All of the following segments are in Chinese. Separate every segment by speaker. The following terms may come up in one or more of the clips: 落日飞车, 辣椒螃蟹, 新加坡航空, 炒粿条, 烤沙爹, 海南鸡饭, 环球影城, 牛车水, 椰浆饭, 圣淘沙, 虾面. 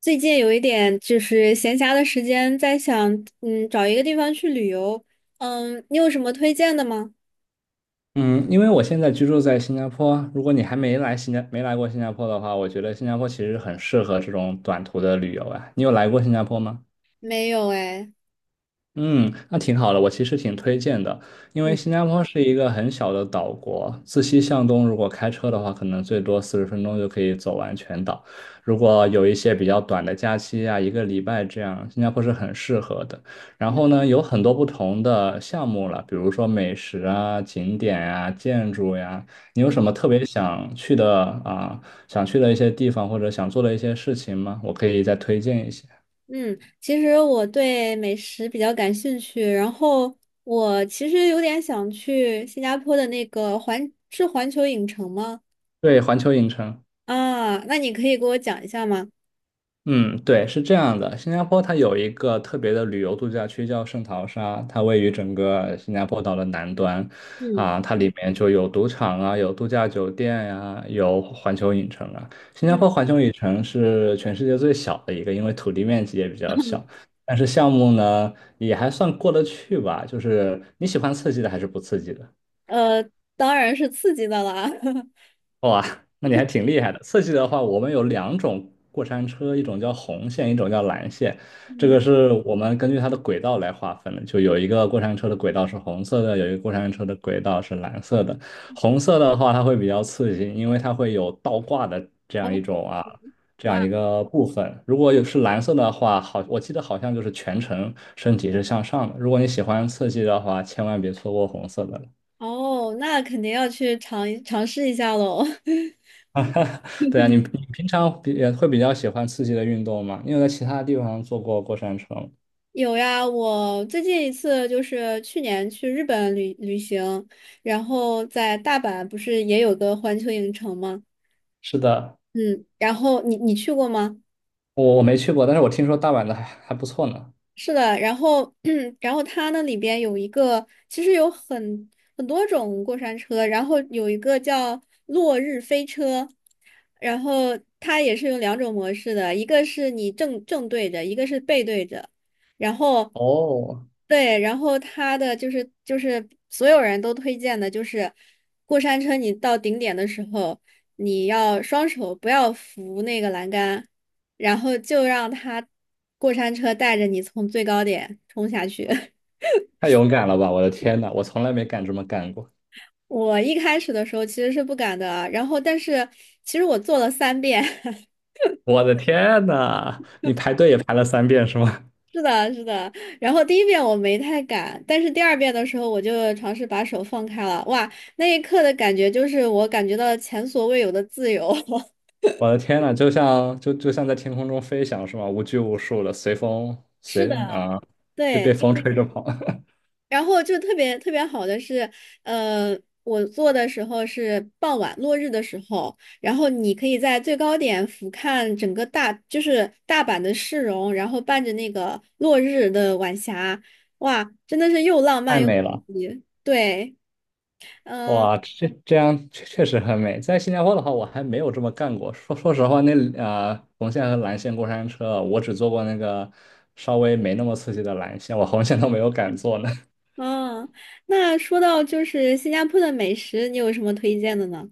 Speaker 1: 最近有一点就是闲暇的时间，在想，找一个地方去旅游。嗯，你有什么推荐的吗？
Speaker 2: 嗯，因为我现在居住在新加坡，如果你还没来新加没来过新加坡的话，我觉得新加坡其实很适合这种短途的旅游啊。你有来过新加坡吗？
Speaker 1: 没有哎。
Speaker 2: 嗯，那挺好的，我其实挺推荐的，因为新
Speaker 1: 嗯
Speaker 2: 加坡是一个很小的岛国，自西向东，如果开车的话，可能最多40分钟就可以走完全岛。如果有一些比较短的假期啊，一个礼拜这样，新加坡是很适合的。然后
Speaker 1: 嗯
Speaker 2: 呢，有很多不同的项目了，比如说美食啊、景点啊、建筑呀、你有
Speaker 1: 嗯
Speaker 2: 什么特别想去的啊、想去的一些地方或者想做的一些事情吗？我可以再推荐一些。
Speaker 1: 嗯，其实我对美食比较感兴趣，然后我其实有点想去新加坡的环球影城吗？
Speaker 2: 对，环球影城。
Speaker 1: 啊，那你可以给我讲一下吗？
Speaker 2: 嗯，对，是这样的。新加坡它有一个特别的旅游度假区叫圣淘沙，它位于整个新加坡岛的南端，
Speaker 1: 嗯
Speaker 2: 啊，它里面就有赌场啊，有度假酒店呀、有环球影城啊。新加
Speaker 1: 嗯，
Speaker 2: 坡环球影城是全世界最小的一个，因为土地面积也比较小，但是项目呢也还算过得去吧，就是你喜欢刺激的还是不刺激的？
Speaker 1: 呃，当然是刺激的啦。
Speaker 2: 哇，那你还挺厉害的。刺激的话，我们有两种过山车，一种叫红线，一种叫蓝线。这个
Speaker 1: 嗯，
Speaker 2: 是我们根据它的轨道来划分的，就有一个过山车的轨道是红色的，有一个过山车的轨道是蓝色的。红色的话，它会比较刺激，因为它会有倒挂的这样
Speaker 1: 哦，
Speaker 2: 一种啊，这样
Speaker 1: 哇。
Speaker 2: 一个部分。如果有是蓝色的话，好，我记得好像就是全程身体是向上的。如果你喜欢刺激的话，千万别错过红色的了。
Speaker 1: 哦，那肯定要去尝试一下喽。
Speaker 2: 对啊，你平常比也会比较喜欢刺激的运动吗？你有在其他地方坐过过山车吗？
Speaker 1: 有呀，我最近一次就是去年去日本旅行，然后在大阪不是也有个环球影城吗？
Speaker 2: 是的，
Speaker 1: 嗯，然后你去过吗？
Speaker 2: 我没去过，但是我听说大阪的还不错呢。
Speaker 1: 是的，然后，然后它那里边有一个，其实很多种过山车，然后有一个叫落日飞车，然后它也是有两种模式的，一个是你正对着，一个是背对着，然后，
Speaker 2: 哦，
Speaker 1: 对，然后它的就是所有人都推荐的就是过山车，你到顶点的时候，你要双手不要扶那个栏杆。然后就让他过山车带着你从最高点冲下去。
Speaker 2: 太勇敢了吧！我的天呐，我从来没敢这么干过。
Speaker 1: 我一开始的时候其实是不敢的啊，然后但是其实我做了三遍。
Speaker 2: 我的天呐，你排队也排了三遍是吗？
Speaker 1: 是的，是的。然后第一遍我没太敢，但是第二遍的时候我就尝试把手放开了，哇，那一刻的感觉就是我感觉到了前所未有的自由。
Speaker 2: 我的天呐，就像在天空中飞翔是吗？无拘无束的，随风
Speaker 1: 是
Speaker 2: 随
Speaker 1: 的，
Speaker 2: 啊，就被
Speaker 1: 对，
Speaker 2: 风吹着跑，
Speaker 1: 然后就特别特别好的是，呃，我做的时候是傍晚落日的时候，然后你可以在最高点俯瞰整个大，就是大阪的市容，然后伴着那个落日的晚霞，哇，真的是又浪漫
Speaker 2: 太
Speaker 1: 又刺
Speaker 2: 美了。
Speaker 1: 激。对，嗯
Speaker 2: 哇，这样确实很美。在新加坡的话，我还没有这么干过。说实话，那红线和蓝线过山车，我只坐过那个稍微没那么刺激的蓝线，我红线都没有敢坐呢。
Speaker 1: 嗯，那说到就是新加坡的美食，你有什么推荐的呢？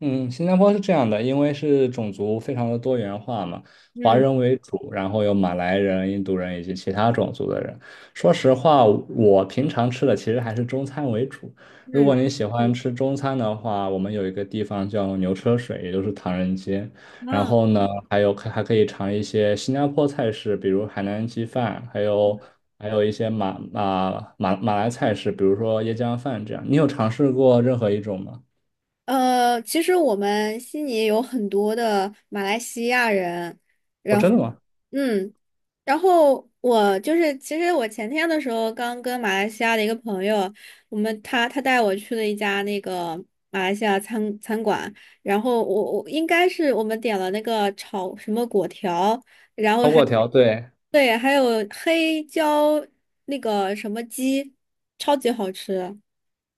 Speaker 2: 嗯，新加坡是这样的，因为是种族非常的多元化嘛，华
Speaker 1: 嗯
Speaker 2: 人为主，然后有马来人、印度人以及其他种族的人。说实话，我平常吃的其实还是中餐为主。如
Speaker 1: 嗯。
Speaker 2: 果你喜欢吃中餐的话，我们有一个地方叫牛车水，也就是唐人街。然
Speaker 1: 啊，
Speaker 2: 后呢，还可以尝一些新加坡菜式，比如海南鸡饭，还有还有一些马来菜式，比如说椰浆饭这样。你有尝试过任何一种吗？
Speaker 1: 其实我们悉尼有很多的马来西亚人，
Speaker 2: 哦，
Speaker 1: 然
Speaker 2: 真
Speaker 1: 后，
Speaker 2: 的吗？
Speaker 1: 嗯，然后我就是，其实我前天的时候刚跟马来西亚的一个朋友，我们他他带我去了一家那个马来西亚餐馆，然后我我应该是我们点了那个炒什么果条，然后
Speaker 2: 超
Speaker 1: 还
Speaker 2: 过条，对，
Speaker 1: 对，还有黑椒那个什么鸡，超级好吃，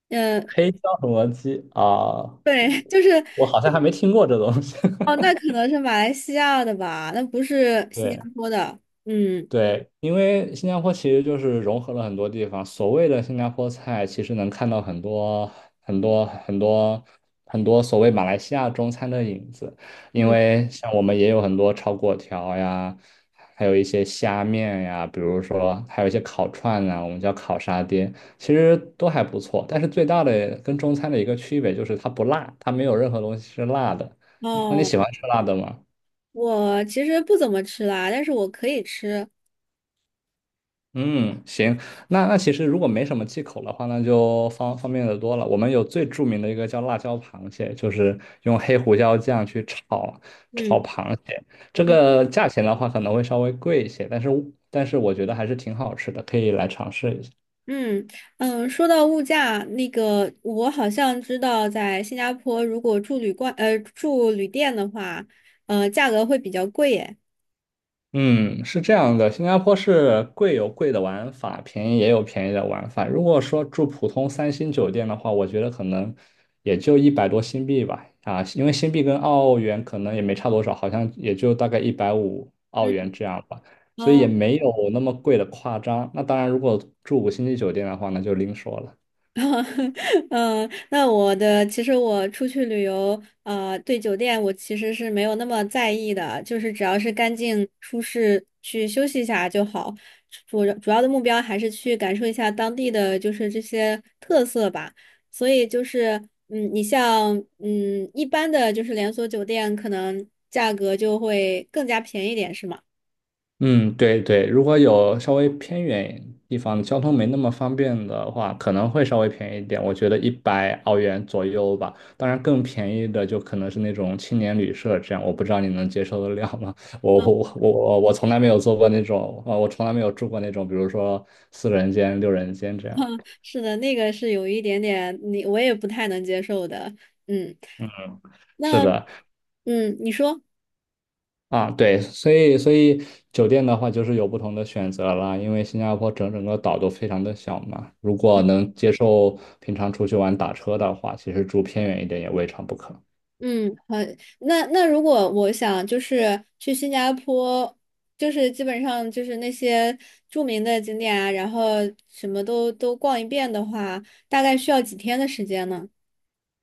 Speaker 1: 嗯、
Speaker 2: 黑椒什么鸡啊，
Speaker 1: 对，就是。
Speaker 2: 我好像还没听过这东西。
Speaker 1: 哦，那可 能是马来西亚的吧，那不是新加
Speaker 2: 对。
Speaker 1: 坡的。嗯，
Speaker 2: 对，因为新加坡其实就是融合了很多地方。所谓的新加坡菜，其实能看到很多很多很多所谓马来西亚中餐的影子。因
Speaker 1: 嗯，
Speaker 2: 为像我们也有很多炒粿条呀，还有一些虾面呀，比如说还有一些烤串啊，我们叫烤沙爹，其实都还不错。但是最大的跟中餐的一个区别就是它不辣，它没有任何东西是辣的。那你
Speaker 1: 哦，
Speaker 2: 喜欢吃辣的吗？
Speaker 1: 我其实不怎么吃辣，但是我可以吃。
Speaker 2: 嗯，行，那其实如果没什么忌口的话，那就方便的多了。我们有最著名的一个叫辣椒螃蟹，就是用黑胡椒酱去炒
Speaker 1: 嗯
Speaker 2: 螃蟹。这
Speaker 1: 嗯
Speaker 2: 个价钱的话可能会稍微贵一些，但是我觉得还是挺好吃的，可以来尝试一下。
Speaker 1: 嗯嗯，说到物价，那个我好像知道，在新加坡如果住旅店的话，价格会比较贵耶。
Speaker 2: 嗯，是这样的，新加坡是贵有贵的玩法，便宜也有便宜的玩法。如果说住普通三星酒店的话，我觉得可能也就100多新币吧，啊，因为新币跟澳元可能也没差多少，好像也就大概一百五澳
Speaker 1: 嗯。
Speaker 2: 元这样吧，所以也
Speaker 1: 哦。
Speaker 2: 没有那么贵的夸张。那当然，如果住五星级酒店的话，那就另说了。
Speaker 1: 嗯，那其实我出去旅游，对酒店我其实是没有那么在意的，就是只要是干净舒适，去休息一下就好。主要的目标还是去感受一下当地的就是这些特色吧。所以就是，嗯，你像嗯一般的就是连锁酒店，可能价格就会更加便宜一点，是吗？
Speaker 2: 嗯，对，如果有稍微偏远地方交通没那么方便的话，可能会稍微便宜一点，我觉得100澳元左右吧。当然，更便宜的就可能是那种青年旅社这样，我不知道你能接受得了吗？我从来没有做过那种，啊，我从来没有住过那种，比如说四人间、六人间这样。
Speaker 1: 是的，那个是有一点点，你我也不太能接受的。嗯，
Speaker 2: 是
Speaker 1: 那
Speaker 2: 的，
Speaker 1: 嗯，你说，
Speaker 2: 啊，对，所以酒店的话就是有不同的选择啦，因为新加坡整个岛都非常的小嘛，如果能接受平常出去玩打车的话，其实住偏远一点也未尝不可。
Speaker 1: 嗯，好，那那如果我想就是去新加坡，就是基本上就是那些著名的景点啊，然后什么都逛一遍的话，大概需要几天的时间呢？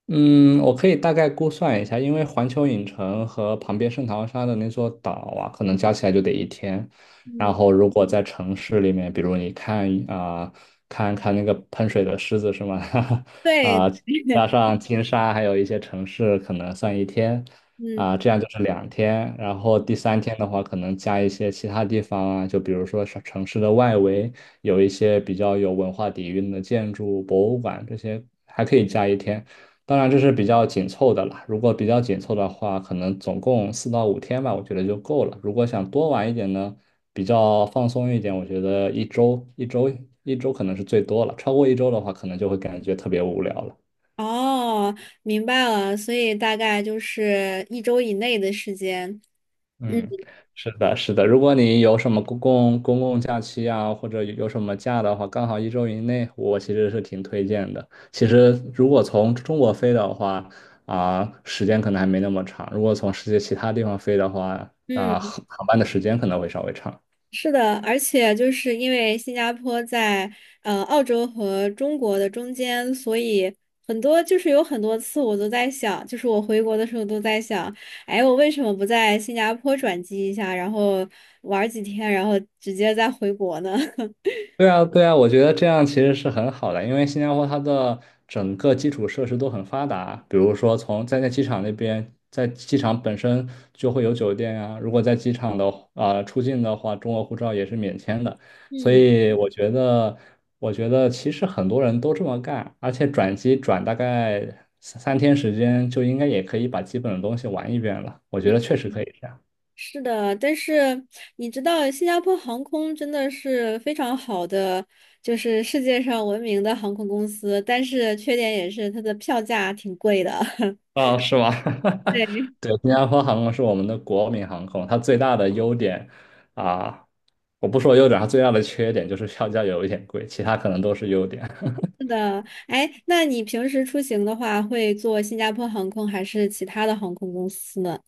Speaker 2: 嗯，我可以大概估算一下，因为环球影城和旁边圣淘沙的那座岛啊，可能加起来就得一天。然
Speaker 1: 嗯，
Speaker 2: 后，如果在城市里面，比如你看啊、看看那个喷水的狮子是吗？
Speaker 1: 对，
Speaker 2: 啊、加上金沙，还有一些城市，可能算一天
Speaker 1: 嗯，
Speaker 2: 啊、这样就是两天。然后第三天的话，可能加一些其他地方啊，就比如说是城市的外围有一些比较有文化底蕴的建筑、博物馆这些，还可以加一天。当然这是比较紧凑的了，如果比较紧凑的话，可能总共4到5天吧，我觉得就够了。如果想多玩一点呢，比较放松一点，我觉得一周可能是最多了。超过一周的话，可能就会感觉特别无聊了。
Speaker 1: 哦，明白了，所以大概就是一周以内的时间。
Speaker 2: 嗯，
Speaker 1: 嗯
Speaker 2: 是的如果你有什么公共假期啊，或者有什么假的话，刚好一周以内，我其实是挺推荐的。其实如果从中国飞的话，啊、时间可能还没那么长；如果从世界其他地方飞的话，啊、
Speaker 1: 嗯。
Speaker 2: 航班的时间可能会稍微长。
Speaker 1: 是的，而且就是因为新加坡在澳洲和中国的中间，所以很多就是有很多次我都在想，就是我回国的时候都在想，哎，我为什么不在新加坡转机一下，然后玩儿几天，然后直接再回国呢？
Speaker 2: 对啊我觉得这样其实是很好的，因为新加坡它的整个基础设施都很发达，比如说从在机场那边，在机场本身就会有酒店啊，如果在机场的啊、出境的话，中国护照也是免签的，所
Speaker 1: 嗯
Speaker 2: 以我觉得其实很多人都这么干，而且转机转大概三天时间就应该也可以把基本的东西玩一遍了，我觉得
Speaker 1: 嗯。
Speaker 2: 确实可以这样。
Speaker 1: 是的，但是你知道，新加坡航空真的是非常好的，就是世界上闻名的航空公司，但是缺点也是它的票价挺贵的。
Speaker 2: 啊，是吗？
Speaker 1: 对。
Speaker 2: 对，新加坡航空是我们的国民航空，它最大的优点啊，我不说优点，它最大的缺点就是票价有一点贵，其他可能都是优点。
Speaker 1: 是的，哎，那你平时出行的话，会坐新加坡航空还是其他的航空公司呢？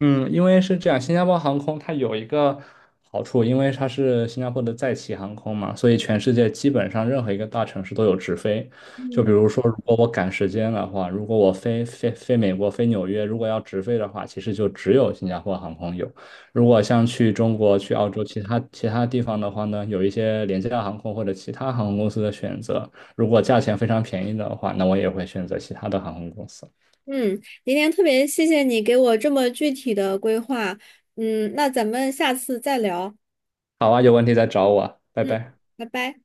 Speaker 2: 嗯，因为是这样，新加坡航空它有一个好处，因为它是新加坡的在旗航空嘛，所以全世界基本上任何一个大城市都有直飞。就比
Speaker 1: 嗯
Speaker 2: 如说，如果我赶时间的话，如果我飞美国、飞纽约，如果要直飞的话，其实就只有新加坡航空有。如果像去中国、去澳洲其他地方的话呢，有一些廉价航空或者其他航空公司的选择。如果价钱非常便宜的话，那我也会选择其他的航空公司。
Speaker 1: 嗯，今天特别谢谢你给我这么具体的规划。嗯，那咱们下次再聊。
Speaker 2: 好啊，有问题再找我啊，拜
Speaker 1: 嗯，
Speaker 2: 拜。
Speaker 1: 拜拜。